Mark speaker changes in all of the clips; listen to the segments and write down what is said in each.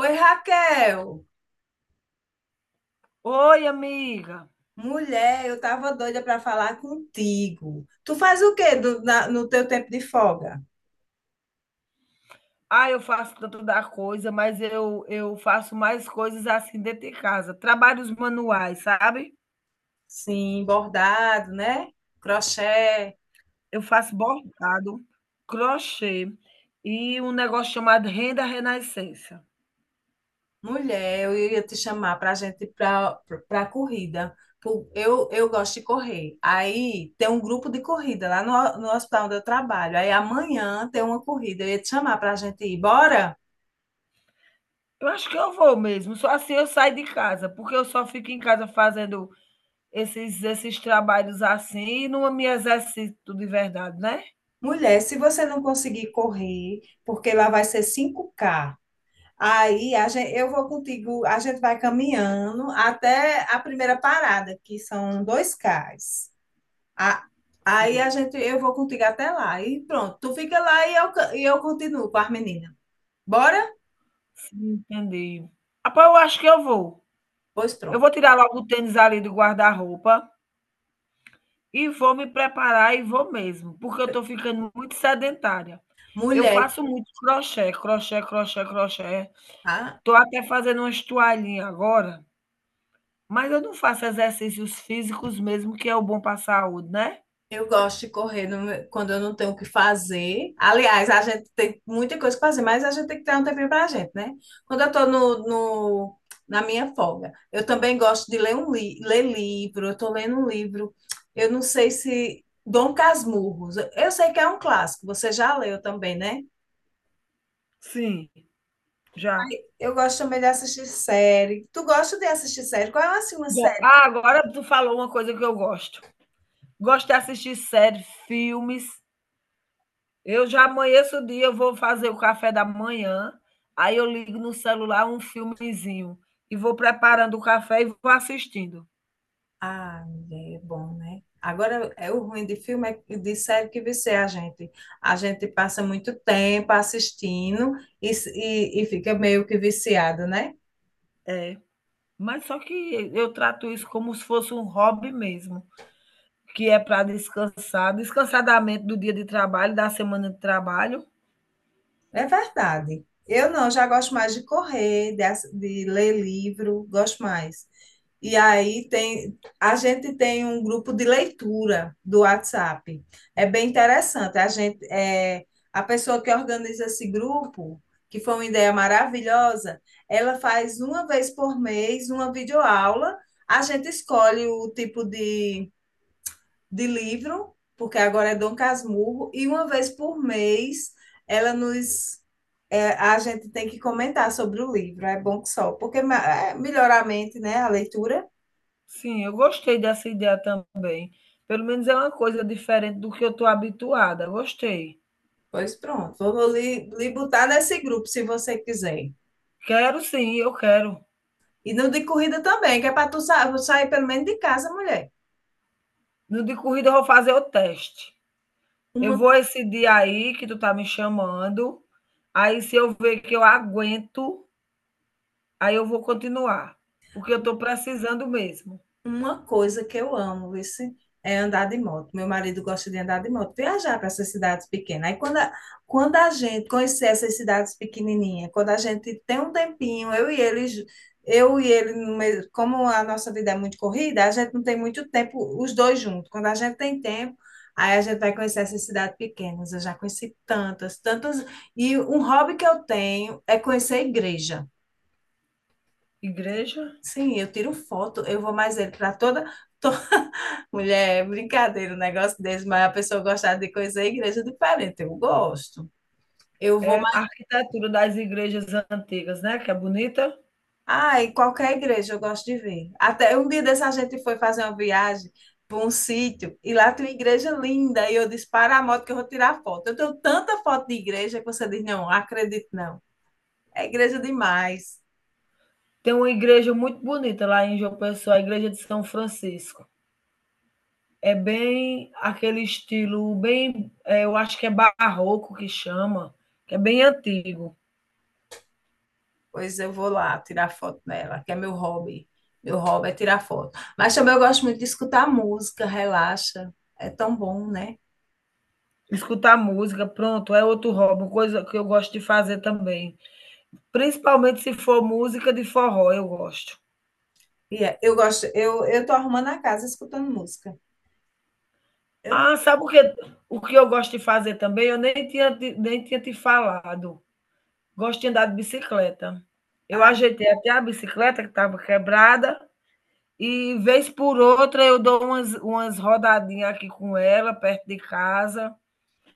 Speaker 1: Oi, Raquel.
Speaker 2: Oi, amiga.
Speaker 1: Mulher, eu tava doida para falar contigo. Tu faz o quê no teu tempo de folga?
Speaker 2: Ah, eu faço tanto da coisa, mas eu faço mais coisas assim dentro de casa. Trabalhos manuais, sabe?
Speaker 1: Sim, bordado, né? Crochê.
Speaker 2: Eu faço bordado, crochê e um negócio chamado renda renascença.
Speaker 1: Mulher, eu ia te chamar para a gente ir para a corrida. Pô, eu gosto de correr. Aí tem um grupo de corrida lá no hospital onde eu trabalho. Aí amanhã tem uma corrida. Eu ia te chamar para a gente ir. Bora?
Speaker 2: Eu acho que eu vou mesmo. Só assim eu saio de casa, porque eu só fico em casa fazendo esses trabalhos assim e não me exercito de verdade, né?
Speaker 1: Mulher, se você não conseguir correr, porque lá vai ser 5K. Aí a gente, eu vou contigo, a gente vai caminhando até a primeira parada, que são 2K. A- Aí
Speaker 2: Sim,
Speaker 1: a gente, eu vou contigo até lá. E pronto, tu fica lá e e eu continuo com as meninas. Bora?
Speaker 2: sim, entendi. Rapaz, eu acho que eu vou.
Speaker 1: Pois
Speaker 2: Eu
Speaker 1: pronto.
Speaker 2: vou tirar logo o tênis ali do guarda-roupa. E vou me preparar e vou mesmo, porque eu estou ficando muito sedentária. Eu
Speaker 1: Mulher,
Speaker 2: faço muito crochê, crochê, crochê, crochê.
Speaker 1: tá?
Speaker 2: Estou até fazendo umas toalhinhas agora, mas eu não faço exercícios físicos mesmo, que é o bom para a saúde, né?
Speaker 1: Eu gosto de correr quando eu não tenho o que fazer. Aliás, a gente tem muita coisa para fazer, mas a gente tem que ter um tempinho para a gente, né? Quando eu estou na minha folga, eu também gosto de ler um li ler livro. Eu estou lendo um livro, eu não sei se Dom Casmurros. Eu sei que é um clássico, você já leu também, né?
Speaker 2: Sim. Já.
Speaker 1: Eu gosto também de assistir série. Tu gosta de assistir série? Qual é assim, uma série?
Speaker 2: Agora tu falou uma coisa que eu gosto. Gosto de assistir séries filmes. Eu já amanheço o dia, eu vou fazer o café da manhã, aí eu ligo no celular um filmezinho e vou preparando o café e vou assistindo.
Speaker 1: Ah, é bom, né? Agora, é o ruim de filme, é, de série que vicia a gente. A gente passa muito tempo assistindo e fica meio que viciado, né?
Speaker 2: É, mas só que eu trato isso como se fosse um hobby mesmo, que é para descansar, descansar da mente do dia de trabalho, da semana de trabalho.
Speaker 1: É verdade. Eu não, já gosto mais de correr, de ler livro, gosto mais. E aí tem, a gente tem um grupo de leitura do WhatsApp. É bem interessante. A gente, é, a pessoa que organiza esse grupo, que foi uma ideia maravilhosa, ela faz uma vez por mês uma videoaula. A gente escolhe o tipo de livro, porque agora é Dom Casmurro, e uma vez por mês ela nos é, a gente tem que comentar sobre o livro. É bom que só, porque é, melhora a mente, né? A leitura.
Speaker 2: Sim, eu gostei dessa ideia também. Pelo menos é uma coisa diferente do que eu estou habituada. Gostei.
Speaker 1: Pois pronto, vou lhe botar nesse grupo se você quiser.
Speaker 2: Quero sim, eu quero.
Speaker 1: E no de corrida também, que é para sair pelo menos de casa, mulher.
Speaker 2: No de corrida eu vou fazer o teste. Eu
Speaker 1: Uma
Speaker 2: vou esse dia aí que tu tá me chamando, aí se eu ver que eu aguento, aí eu vou continuar, porque eu estou precisando mesmo.
Speaker 1: Uma coisa que eu amo, vice, é andar de moto. Meu marido gosta de andar de moto, viajar para essas cidades pequenas. Aí quando a gente conhecer essas cidades pequenininhas, quando a gente tem um tempinho, eu e ele, no mesmo- como a nossa vida é muito corrida, a gente não tem muito tempo, os dois juntos. Quando a gente tem tempo, aí a gente vai conhecer essas cidades pequenas. Eu já conheci tantas, tantas. E um hobby que eu tenho é conhecer a igreja.
Speaker 2: Igreja?
Speaker 1: Sim, eu tiro foto, eu vou mais ele para toda. Mulher, é brincadeira, um negócio desse, mas a pessoa gostar de coisa é igreja é diferente. Eu gosto. Eu vou.
Speaker 2: É a arquitetura das igrejas antigas, né? Que é bonita.
Speaker 1: Ai, qualquer igreja eu gosto de ver. Até um dia dessa gente foi fazer uma viagem para um sítio e lá tem uma igreja linda. E eu disse: para a moto que eu vou tirar foto. Eu tenho tanta foto de igreja que você diz: não, acredito não. É igreja demais.
Speaker 2: Tem uma igreja muito bonita lá em João Pessoa, a igreja de São Francisco. É bem aquele estilo, bem, é, eu acho que é barroco que chama, que é bem antigo.
Speaker 1: Pois eu vou lá tirar foto nela, que é meu hobby. Meu hobby é tirar foto. Mas também eu gosto muito de escutar música, relaxa. É tão bom, né?
Speaker 2: Escutar música, pronto, é outro hobby, coisa que eu gosto de fazer também. Principalmente se for música de forró, eu gosto.
Speaker 1: E é, eu gosto, eu tô arrumando a casa escutando música. Eu,
Speaker 2: Ah, sabe o que eu gosto de fazer também? Eu nem tinha te falado. Gosto de andar de bicicleta. Eu
Speaker 1: a
Speaker 2: ajeitei até a bicicleta que estava quebrada e vez por outra eu dou umas rodadinhas aqui com ela perto de casa.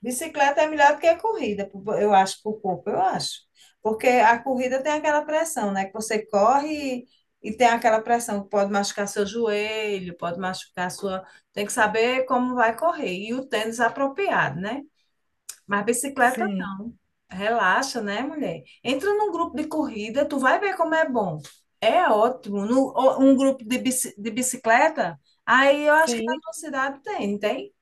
Speaker 1: bicicleta é melhor do que a corrida, eu acho, para o corpo, eu acho. Porque a corrida tem aquela pressão, né? Que você corre e tem aquela pressão que pode machucar seu joelho, pode machucar sua. Tem que saber como vai correr. E o tênis apropriado, né? Mas bicicleta.
Speaker 2: Sim,
Speaker 1: Relaxa, né, mulher? Entra num grupo de corrida, tu vai ver como é bom. É ótimo. No, ó, um grupo de, de bicicleta, aí eu acho que na
Speaker 2: sim.
Speaker 1: tua cidade tem, não tem?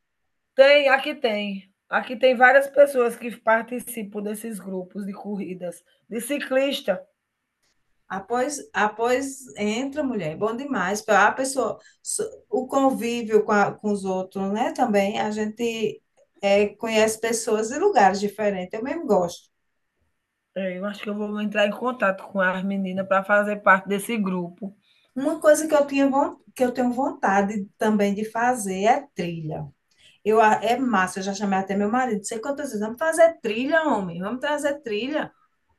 Speaker 2: Tem, aqui tem. Aqui tem várias pessoas que participam desses grupos de corridas, de ciclista.
Speaker 1: Após entra, mulher, é bom demais. A pessoa, o convívio com, com os outros, né? Também a gente é, conhece pessoas e lugares diferentes. Eu mesmo gosto.
Speaker 2: É, eu acho que eu vou entrar em contato com as meninas para fazer parte desse grupo.
Speaker 1: Uma coisa que eu tinha, que eu tenho vontade também de fazer é trilha. Eu, é massa, eu já chamei até meu marido, sei quantas vezes, vamos fazer trilha, homem, vamos trazer trilha.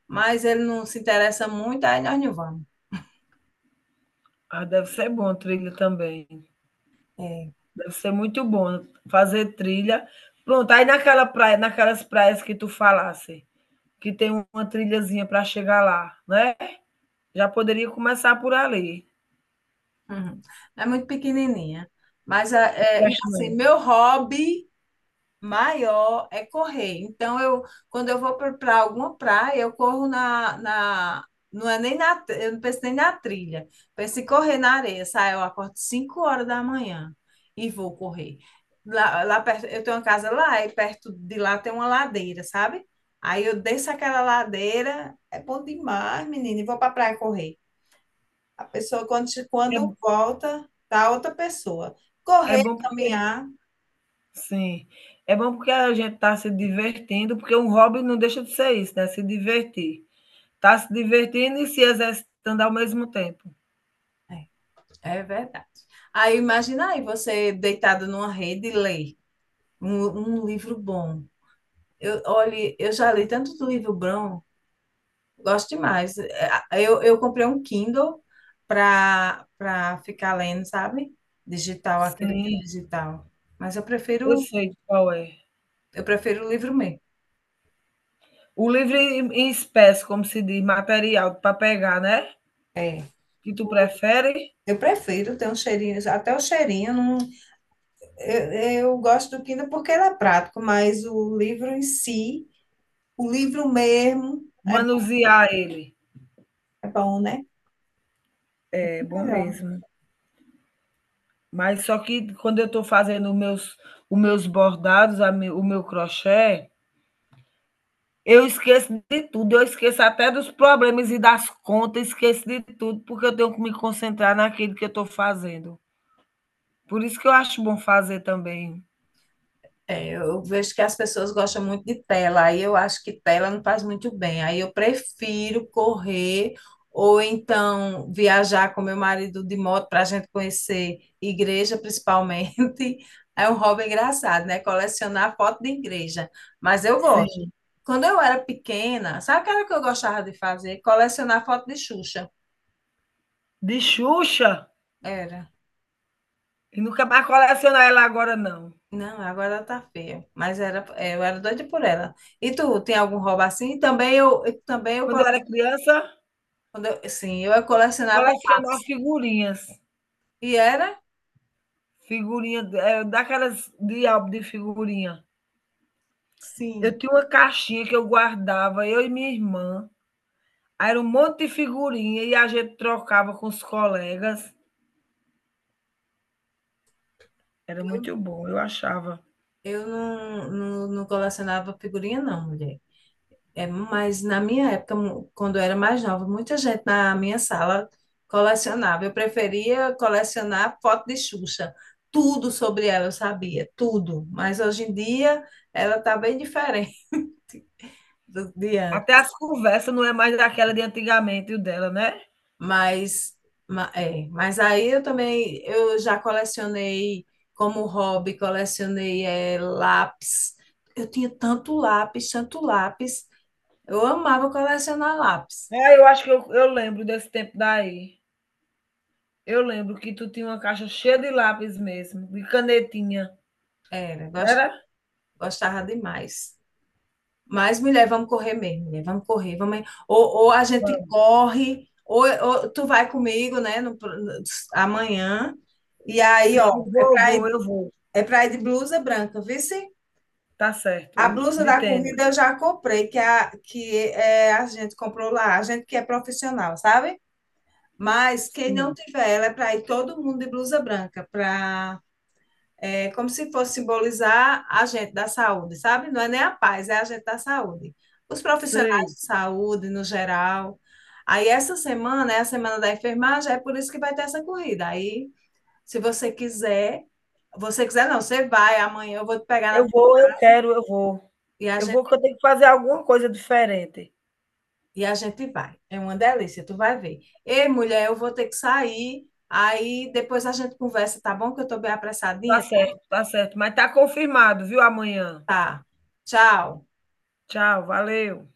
Speaker 1: Mas ele não se interessa muito, aí nós não vamos.
Speaker 2: Ah, deve ser bom trilha também.
Speaker 1: É,
Speaker 2: Deve ser muito bom fazer trilha. Pronto, aí naquela praia, naquelas praias que tu falasse, que tem uma trilhazinha para chegar lá, né? Já poderia começar por ali.
Speaker 1: uhum. É muito pequenininha. Mas,
Speaker 2: Eu
Speaker 1: é, e
Speaker 2: acho
Speaker 1: assim,
Speaker 2: não.
Speaker 1: meu hobby maior é correr. Então, eu, quando eu vou para alguma praia, eu corro na. Não é nem na. Eu não penso nem na trilha. Penso em correr na areia. Saio, eu acordo 5 horas da manhã e vou correr. Lá, lá perto, eu tenho uma casa lá e perto de lá tem uma ladeira, sabe? Aí eu desço aquela ladeira, é bom demais, menina, e vou para praia correr. A pessoa,
Speaker 2: É,
Speaker 1: quando volta, tá outra pessoa.
Speaker 2: é
Speaker 1: Correr,
Speaker 2: bom porque,
Speaker 1: caminhar.
Speaker 2: sim, é bom porque a gente está se divertindo, porque um hobby não deixa de ser isso, né? Se divertir. Está se divertindo e se exercitando ao mesmo tempo.
Speaker 1: É verdade. Aí imagina aí você deitado numa rede e lê um livro bom. Eu, olhe, eu já li tanto do livro bom, gosto demais. É, eu comprei um Kindle para ficar lendo, sabe? Digital, aquele
Speaker 2: Sim,
Speaker 1: digital. Mas eu
Speaker 2: eu
Speaker 1: prefiro
Speaker 2: sei qual é.
Speaker 1: eu prefiro o livro mesmo.
Speaker 2: O livro em em espécie, como se diz, material para pegar, né?
Speaker 1: É.
Speaker 2: Que tu prefere?
Speaker 1: Eu prefiro ter um cheirinho, até o cheirinho. Não, eu, eu gosto do Kindle porque ele é prático, mas o livro em si, o livro mesmo, é,
Speaker 2: Manusear ele.
Speaker 1: é bom, né?
Speaker 2: É bom
Speaker 1: Melhor.
Speaker 2: mesmo. Mas só que quando eu estou fazendo os meus bordados, o meu crochê, eu esqueço de tudo. Eu esqueço até dos problemas e das contas, esqueço de tudo, porque eu tenho que me concentrar naquilo que eu estou fazendo. Por isso que eu acho bom fazer também.
Speaker 1: É, eu vejo que as pessoas gostam muito de tela, aí eu acho que tela não faz muito bem. Aí eu prefiro correr ou então viajar com meu marido de moto para a gente conhecer igreja, principalmente. É um hobby engraçado, né? Colecionar foto de igreja. Mas eu gosto.
Speaker 2: Sim.
Speaker 1: Quando eu era pequena, sabe o que era que eu gostava de fazer? Colecionar foto de Xuxa.
Speaker 2: De Xuxa,
Speaker 1: Era.
Speaker 2: e nunca mais colecionar ela agora, não.
Speaker 1: Não, agora ela tá feia. Mas era, é, eu era doida por ela. E tu, tem algum roubo assim? Também eu, também eu
Speaker 2: Quando eu era criança,
Speaker 1: colecionava. Sim, eu colecionava
Speaker 2: colecionar
Speaker 1: lápis.
Speaker 2: figurinhas.
Speaker 1: E era?
Speaker 2: Figurinha, eh, daquelas de álbum de figurinha. Eu
Speaker 1: Sim.
Speaker 2: tinha uma caixinha que eu guardava, eu e minha irmã. Aí era um monte de figurinha e a gente trocava com os colegas. Era
Speaker 1: Eu,
Speaker 2: muito bom, eu achava.
Speaker 1: não colecionava figurinha, não, mulher. É, mas na minha época, quando eu era mais nova, muita gente na minha sala colecionava. Eu preferia colecionar foto de Xuxa. Tudo sobre ela eu sabia, tudo. Mas hoje em dia ela tá bem diferente de
Speaker 2: Até
Speaker 1: antes.
Speaker 2: as conversas não é mais daquela de antigamente, o dela, né?
Speaker 1: Mas, é, mas aí eu também, eu já colecionei como hobby, colecionei é, lápis. Eu tinha tanto lápis, tanto lápis. Eu amava colecionar lápis.
Speaker 2: Ah, eu acho que eu lembro desse tempo daí. Eu lembro que tu tinha uma caixa cheia de lápis mesmo, de canetinha.
Speaker 1: Era,
Speaker 2: Não era?
Speaker 1: gostava demais. Mas, mulher, vamos correr mesmo, mulher, vamos correr, vamos... Ou, ou a gente
Speaker 2: Vamos.
Speaker 1: corre, ou tu vai comigo, né, amanhã. E aí,
Speaker 2: Sim,
Speaker 1: ó,
Speaker 2: vou, vou, eu vou.
Speaker 1: é pra ir de blusa branca, viu?
Speaker 2: Tá certo.
Speaker 1: A
Speaker 2: E
Speaker 1: blusa
Speaker 2: de
Speaker 1: da corrida
Speaker 2: tênis.
Speaker 1: eu já comprei, que é, a gente comprou lá, a gente que é profissional, sabe? Mas quem não
Speaker 2: Sim,
Speaker 1: tiver ela é para ir todo mundo de blusa branca, para é, como se fosse simbolizar a gente da saúde, sabe? Não é nem a paz, é a gente da saúde. Os profissionais
Speaker 2: sei.
Speaker 1: de saúde, no geral. Aí essa semana é a semana da enfermagem, é por isso que vai ter essa corrida. Aí, se você quiser, você quiser não, você vai amanhã, eu vou te pegar na,
Speaker 2: Eu vou, eu quero, eu vou.
Speaker 1: e a
Speaker 2: Eu vou,
Speaker 1: gente.
Speaker 2: porque eu tenho que fazer alguma coisa diferente.
Speaker 1: E a gente vai. É uma delícia, tu vai ver. Ei, mulher, eu vou ter que sair. Aí depois a gente conversa, tá bom? Que eu tô bem
Speaker 2: Tá
Speaker 1: apressadinha?
Speaker 2: certo, tá certo. Mas tá confirmado, viu? Amanhã.
Speaker 1: Tá. Tchau.
Speaker 2: Tchau, valeu.